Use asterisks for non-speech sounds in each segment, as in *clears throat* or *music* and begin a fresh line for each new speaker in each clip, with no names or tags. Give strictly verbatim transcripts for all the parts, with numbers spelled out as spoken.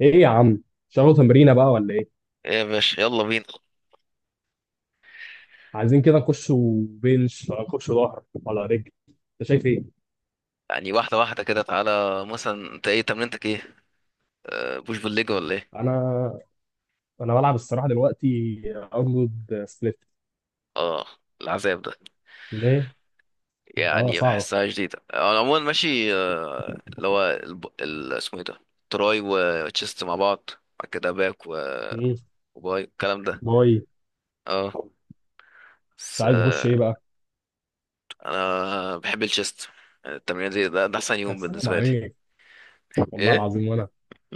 ايه يا عم؟ شغلوا تمرينه بقى ولا ايه؟
يا باشا يلا بينا.
عايزين كده نخش بنش ولا نخش ظهر ولا رجل؟ انت شايف ايه؟
يعني واحدة واحدة كده، تعالى مثلا، انت ايه تمرينتك؟ ايه؟ آه، بوش بالليج ولا ايه؟
انا انا بلعب الصراحه دلوقتي ارنولد سبليت.
اه، العذاب ده.
ليه؟ اه
يعني
صعبه.
بحسها جديدة، آه، انا عموما ماشي، آه، اللي هو الب... ال... اسمه ايه ده؟ تراي وتشيست مع بعض. بعد كده باك و...
مم.
وباي الكلام ده.
باي.
اه،
انت
بس،
عايز نخش
آه،
ايه بقى؟
انا بحب الشيست. التمرين دي ده, ده احسن
يا
يوم
سلام
بالنسبة لي.
عليك، والله
ايه؟
العظيم. وانا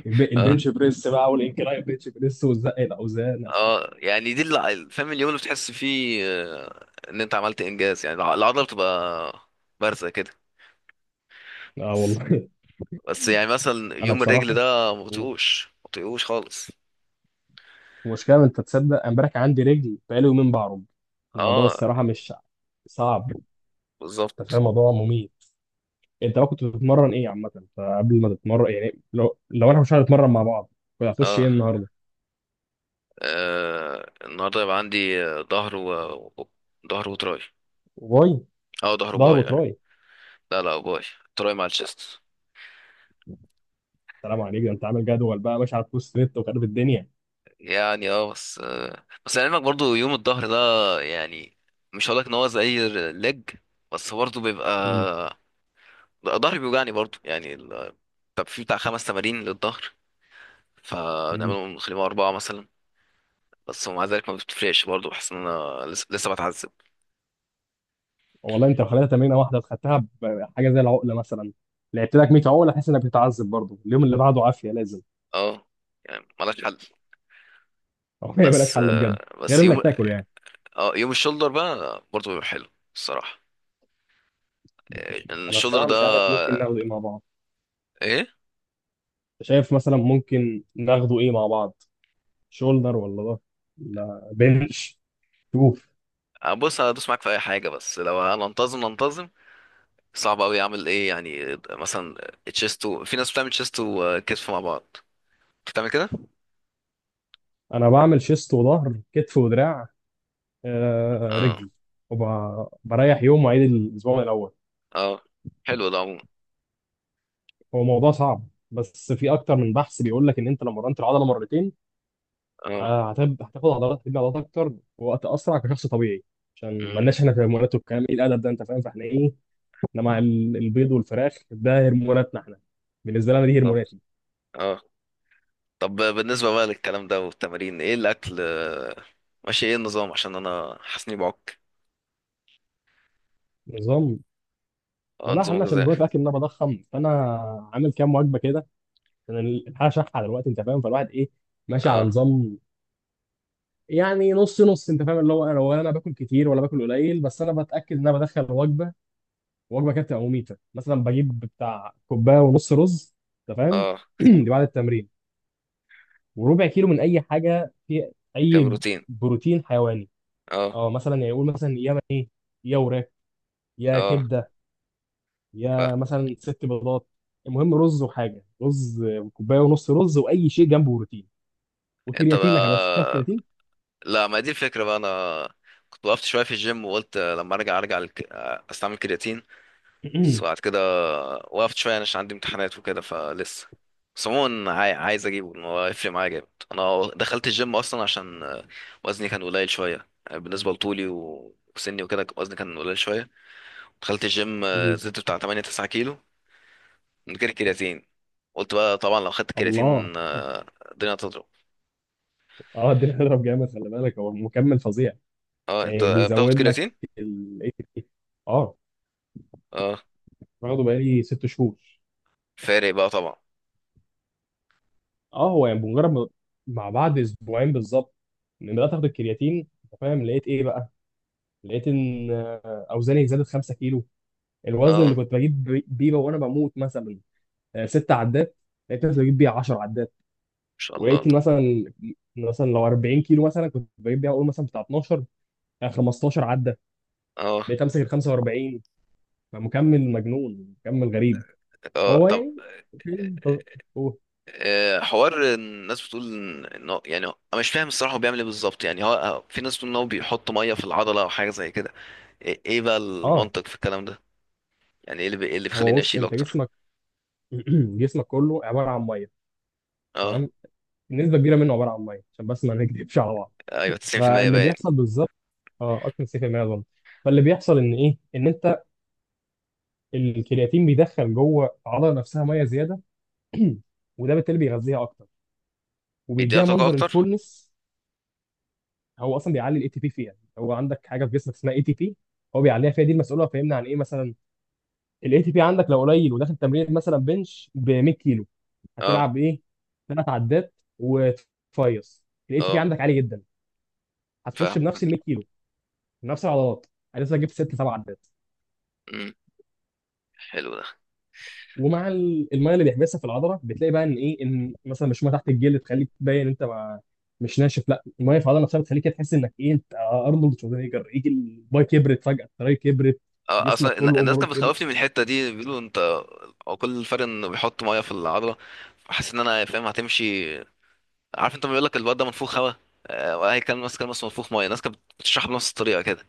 الب-
آه.
البنش بريس بقى والانكلاين بنش بريس وزق الاوزان، يا سلام.
اه، يعني دي اللي فاهم، اليوم اللي بتحس فيه آه، ان انت عملت انجاز، يعني الع- العضله بتبقى بارزه كده.
اه والله.
بس يعني مثلا
*laughs* انا
يوم الرجل
بصراحه،
ده، ما بطيقوش ما بطيقوش خالص.
المشكله، انت تصدق؟ امبارح كان عندي رجل، بقالي يومين بعرج. الموضوع
اه،
الصراحه مش صعب، انت فاهم؟
بالظبط.
الموضوع مميت. انت بقى كنت بتتمرن ايه عامه؟ فقبل ما تتمرن يعني، لو لو انا مش هنتمرن مع بعض، كنت هتخش ايه
اه.
النهارده؟
آه، النهارده يبقى عندي آه، ظهر و و- ظهر وتراي.
باي،
اه، ظهر
ظهر
وباي يعني.
وتراي؟
لا، لا، باي. تراي مع الشيست.
سلام عليك، ده انت عامل جدول بقى ماشي على البوست نت وخارب الدنيا.
يعني اه، بس، آه، بس لعلمك برضو يوم الظهر ده، يعني مش هقولك ان هو زي الليج. بس برضو بيبقى
امم
ظهري بيوجعني برضو، يعني ال... طب في بتاع خمس تمارين للظهر
امم
فنعملهم نخليهم أربعة مثلا. بس ومع ذلك ما بتفرقش برضو، بحس إن أنا لسه, لسه بتعذب.
والله، انت لو خليتها تمرينه واحده خدتها بحاجه زي العقله مثلا، لعبت لك مية عقله تحس انك بتتعذب برضه، اليوم اللي بعده عافيه لازم.
اه، يعني ملهاش حل.
*laughs* هو ما بلاش
بس
حل بجد،
آه،
غير
بس
انك
يوم،
تاكل يعني.
اه، يوم الشولدر بقى برضو بيبقى حلو الصراحة. آه،
انا
الشولدر
الصراحه
ده.
مش عارف ممكن ناخده ايه مع بعض.
ايه؟
شايف مثلا ممكن ناخده ايه مع بعض، شولدر ولا ده؟ لا، بنش.
آه، بص، هدوس معاك في اي حاجة، بس لو هننتظم ننتظم. صعب قوي، اعمل ايه؟ يعني مثلا تشيستو، في ناس بتعمل تشيستو وكتف مع بعض، بتعمل كده.
انا بعمل شيست وظهر كتف ودراع، آه،
اه.
رجل، وبريح يوم واعيد الاسبوع من الاول.
اه، حلو ده عموما.
هو موضوع صعب، بس في اكتر من بحث بيقول لك ان انت لو مرنت العضله مرتين،
اه.
آه، هتب- هتاخد عضلات، هتبني عضلات اكتر وقت اسرع كشخص طبيعي. عشان
امم.
مالناش احنا في هرمونات والكلام ايه الادب ده، انت فاهم؟ فاحنا ايه؟ ده مع ال- البيض والفراخ ده هرموناتنا احنا. بالنسبه لي انا دي
طب،
هرموناتي.
اه، طب، بالنسبة بقى للكلام ده والتمارين، ايه الأكل؟ آه، ماشي ايه النظام؟ عشان انا حاسس اني بعك.
نظام؟
اه،
والله
نظام
حالنا، عشان
غذائي.
نظام في الاكل ان انا بضخم، فانا عامل كام وجبه كده، عشان الحاجه شحه دلوقتي، انت فاهم؟ فالواحد ايه، ماشي على
اه.
نظام. يعني نص نص، انت فاهم اللي هو، انا ولا انا باكل كتير ولا باكل قليل، بس انا بتاكد ان انا بدخل وجبه. وجبه كانت تبقى مميته مثلا، بجيب بتاع كوبايه ونص رز، انت فاهم؟
اه،
*clears throat* دي بعد التمرين، وربع كيلو من اي حاجه، في اي
كبروتين.
بروتين حيواني.
اه
اه مثلا يعني يقول مثلا يا ايه، يا وراك، يا
اه.
كبده،
ف،
يا مثلا ست بيضات. المهم رز، وحاجه رز كوبايه ونص رز واي شيء جنبه بروتين.
انت
وكرياتينك يا باشا، تاخد
بقى.
كرياتين.
لا، ما دي الفكرة بقى، انا كنت وقفت شوية في الجيم، وقلت لما ارجع ارجع لك... استعمل كرياتين بس بعد كده، وقفت شوية يعني عشان عندي امتحانات وكده فلسه. بس عموما، عاي- عايز اجيبه إن هو هيفرق معايا جامد. انا دخلت الجيم اصلا عشان، آه، وزني كان قليل شوية، آه، بالنسبة لطولي و- وسني وكده، وزني كان قليل شوية. دخلت الجيم، آه، زدت
*clears throat*
بتاع تمنية تسعة كيلو من غير كرياتين. قلت بقى طبعا لو خدت
الله.
كرياتين، آه، الدنيا هتضرب.
اه الدنيا هتضرب جامد، خلي بالك هو مكمل فظيع،
اه، انت
يعني
بتاخد
بيزود لك
كرياتين؟
ال اه
اه،
واخده بقالي ست شهور.
فارق بقى طبعا.
اه هو يعني بمجرد ما- مع بعد اسبوعين بالظبط، لما بدات اخد الكرياتين انت فاهم، لقيت ايه بقى؟ لقيت ان آه، اوزاني زادت خمسة كيلو، الوزن
اه، ان
اللي كنت بجيب بي- بيه وانا بموت مثلا آه، ست عدات، لقيت نفسي بجيب بيها عشرة عدات.
شاء الله.
ولقيت إن مثلا مثلا لو اربعين كيلو مثلا كنت بجيب بيها اقول مثلا بتاع اتناشر، آه، خمستاشر عده.
اه،
بقيت امسك ال خمسه واربعين. فمكمل مجنون، مكمل غريب.
اه،
هو
طب،
يعني فيلم ت- هو-
آه، حوار الناس بتقول ان إن هو- يعني انا مش فاهم الصراحه، هو بيعمل ايه بالظبط؟ يعني هو هو- في ناس بتقول ان هو بيحط ميه في العضله او حاجه زي كده. ايه إيه بقى
اه
المنطق في الكلام ده؟ يعني ايه اللي بي... إيه اللي
هو
بيخليني
بص،
اشيل
انت
اكتر؟
جسمك. *clears throat* جسمك كله عباره عن ميه،
اه،
تمام؟ نسبه كبيره منه عباره عن ميه، عشان بس ما نكذبش على بعض.
ايوه، تسعين بالمية
فاللي
باين.
بيحصل بالظبط، اه اكتر من تسعين بالمية اظن. فاللي بيحصل ان ايه، ان انت الكرياتين بيدخل جوه العضله نفسها ميه زياده. *clears throat* وده بالتالي بيغذيها اكتر،
بيديها
وبيديها
طاقه
منظر
اكتر.
الفولنس. هو اصلا بيعلي الاي تي بي فيها، هو عندك حاجه في جسمك اسمها اي تي بي، هو بيعليها فيها، دي المسؤوله، فهمنا عن ايه مثلا. الاي تي بي عندك لو قليل وداخل تمرين مثلا بنش ب مئة كيلو،
اه،
هتلعب ايه؟ ثلاث عدات وتفيص. الاي تي بي
اه،
عندك عالي جدا، هتخش
فاهم.
بنفس ال مئة كيلو بنفس العضلات، لسه جبت ست سبع عدات.
امم. حلو ده.
ومع ال- الميه اللي بيحبسها في العضله، بتلاقي بقى ان ايه، ان مثلا مش ميه تحت الجلد تخليك تبين انت ما، مش ناشف. لا، الميه في العضله نفسها بتخليك كده تحس انك ايه، انت ارنولد شوزنيجر، يجي الباي كبرت فجاه، التراي كبرت.
آه،
جسمك
اصلا الن-
كله
الناس
اوفرول
كانت
كبر.
بتخوفني من الحته دي، بيقولوا انت هو كل الفرق انه بيحط ميه في العضله. حاسس ان انا فاهم هتمشي. عارف، انت ما بيقول لك الواد ده منفوخ هوا. آه، وهي كان ماسك ماسك منفوخ ميه، الناس كانت بتشرح بنفس الطريقه كده.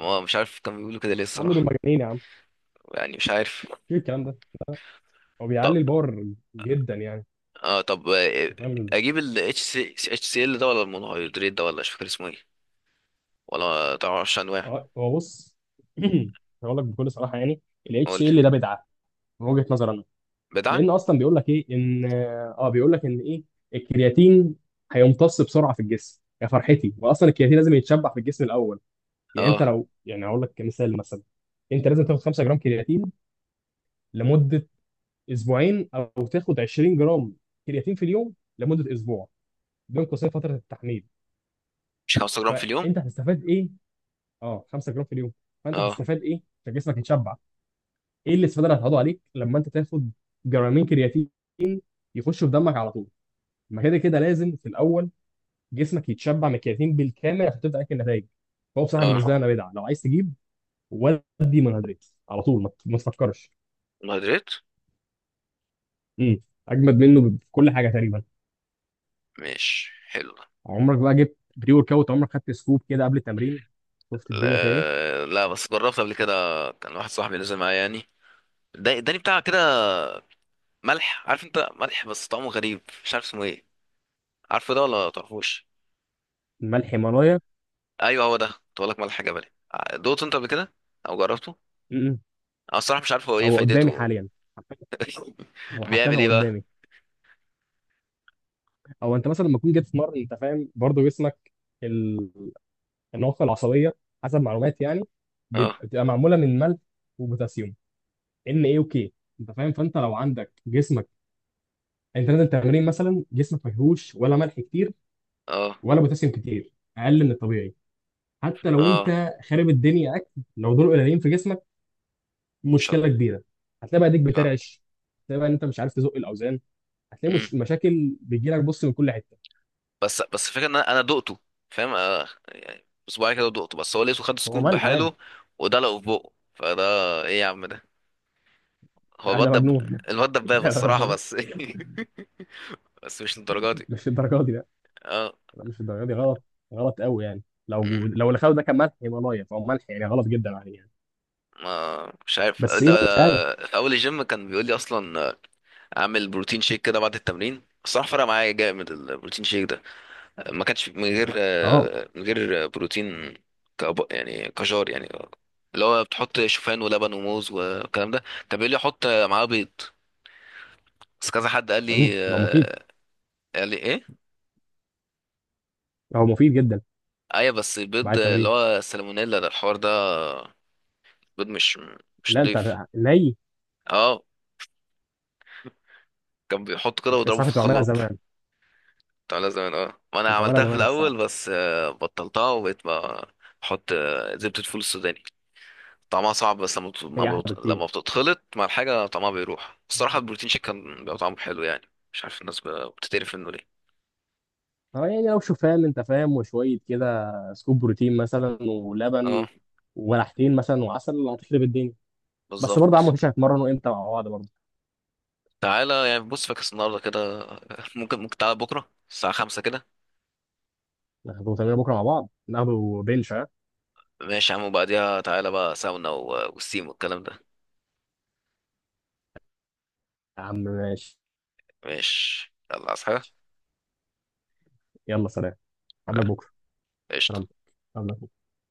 هو مش عارف كانوا بيقولوا كده ليه
يا عم دول
الصراحة.
مجانين، يا عم
يعني مش عارف.
في الكلام ده، هو
طب.
بيعلي الباور جدا يعني،
اه، طب، آه،
انت فاهم.
اجيب ال H C HCl ده ولا المونوهيدرات ده؟ ولا مش فاكر اسمه ايه، ولا تعرفش انواع؟
اه هو بص. *clears throat* هقول لك بكل صراحه يعني، الاتش
قول
سي ال
لي.
ده بدعه من وجهه نظري انا.
بدعة.
لان اصلا بيقول لك ايه ان اه بيقول لك ان ايه، الكرياتين هيمتص بسرعه في الجسم يا فرحتي، واصلا الكرياتين لازم يتشبع في الجسم الاول. يعني انت
اه،
لو يعني، هقول لك مثال مثلا، انت لازم تاخد خمسة جرام كرياتين لمده اسبوعين، او تاخد عشرين جرام كرياتين في اليوم لمده اسبوع، بين قوسين فتره التحميل.
مش خمسة جرام في اليوم؟
فانت هتستفاد ايه؟ اه خمسة جرام في اليوم، فانت
اه،
هتستفاد ايه عشان جسمك يتشبع؟ ايه الاستفاده اللي هتقعدوا عليك لما انت تاخد جرامين كرياتين يخشوا في دمك على طول؟ ما كده كده لازم في الاول جسمك يتشبع من الكرياتين بالكامل عشان تبدا تاكل نتائج. فهو بصراحه بالنسبه لي
اه،
انا بدعه. لو عايز تجيب ودي منهدرات على طول، ما ت- ما تفكرش.
مونوهيدرات.
امم اجمد منه ب- في كل حاجه تقريبا.
مش حلو؟
عمرك بقى جبت بري ورك اوت؟ عمرك خدت سكوب كده قبل التمرين؟ شفت الدنيا فيها ايه؟
لا، لا، بس جربت قبل كده، كان واحد صاحبي نزل معايا يعني، ده اداني بتاع كده. ملح، عارف انت؟ ملح بس طعمه غريب، مش عارف اسمه ايه. عارفه ده ولا تعرفوش؟
ملح هيمالايا.
ايوه، هو ده، كنت بقول لك ملح جبلي. دوت انت قبل كده او جربته؟
امم
انا الصراحه مش عارف هو ايه
هو قدامي
فايدته.
حاليا، هو حرفيا
بيعمل ايه
هو
بقى؟
قدامي. او انت مثلا لما تكون جيت في مره، انت فاهم برضه جسمك، النواقص العصبيه، حسب معلوماتي يعني،
اه،
بيبقى- بتبقى معموله من ملح وبوتاسيوم، ان ايه وكي، انت فاهم؟ فانت لو عندك جسمك، انت نازل تمرين مثلا، جسمك ما فيهوش ولا ملح كتير
اه،
ولا بوتاسيوم كتير، اقل من الطبيعي، حتى لو
اه،
انت خارب الدنيا اكل. لو دول قليلين في جسمك،
مش عارف.
مشكله كبيره. هتلاقي بقى ايديك
فاهم.
بترعش، هتلاقي بقى ان انت مش عارف تزق الاوزان، هتلاقي
مم.
مش مشاكل بتجيلك بص من كل حته.
بس بس الفكره ان انا أنا دقته، فاهم؟ آه، يعني اسبوعين كده دقته، بس هو لقيته خد
هو
سكوب
ملح عادي،
بحاله ودلقه في بقه فده. ايه يا عم ده؟ هو
انا
الواد دب...
مجنون.
الواد
*laughs*
دبابه
لا، لا،
الصراحه،
لا،
بس *laughs* بس مش للدرجه دي.
مش الدرجات دي.
اه.
لا، مش الدرجه دي، غلط، غلط قوي يعني. لو
مم.
لو اللي خده ده كان ملح يبقى لايف او ملح، يعني غلط جدا عليه يعني.
ما مش عارف
بس
ده.
ايه بقى، مش عارف.
في اول الجيم كان بيقول لي اصلا، آه، اعمل بروتين شيك كده بعد التمرين. الصراحه، فرق معايا جامد البروتين شيك ده، ما كانش من غير
اه.
آه، من غير بروتين. كأب... يعني كجار يعني، اللي هو بتحط شوفان ولبن وموز والكلام ده. طب قال لي احط معاه بيض، بس كذا حد قال لي،
امم هو مفيد،
آه، قال لي ايه؟
هو مفيد جدا،
ايوه، بس
بعد
البيض اللي
التمرين.
هو السالمونيلا ده الحوار ده، بيض مش مش
لا انت
نضيف.
هت- ني.
اه، كان بيحط كده
بس
ويضربه
انا
في
كنت بعملها
الخلاط
زمان
بتاع زمان، اه، وانا
كنت بعملها
عملتها في
زمان
الاول،
الصراحه.
بس آه، بطلتها وبقيت بقى بحط آه، زبدة فول السوداني، طعمها صعب بس لما بت- ما
هي احلى
بت-
بكتير.
لما بتتخلط مع الحاجة طعمها بيروح الصراحة. البروتين شيك كان بيبقى طعمه حلو، يعني مش عارف الناس ب- بتتقرف منه ليه؟
اه يعني، لو شوفان انت فاهم، وشويه كده سكوب بروتين مثلا ولبن
اه،
وملحتين مثلا وعسل، هتخرب الدنيا. بس برضه يا عم،
بالظبط.
مفيش هنتمرن وامتى مع بعض برضه؟
تعالى يعني، بص فاكس النهاردة كده *laughs* ممكن ممكن تعالى بكرة الساعة خمسة كده.
ناخده تمرين بكره مع بعض، ناخده بنش ها؟
ماشي يا عم، وبعديها تعالى بقى ساونا و- والسيم والكلام ده.
يا عم ماشي،
ماشي، يلا، عايز حاجة؟
يلا سلام، قبلك
لا.
بكره.
قشطة.
ربك، ربك.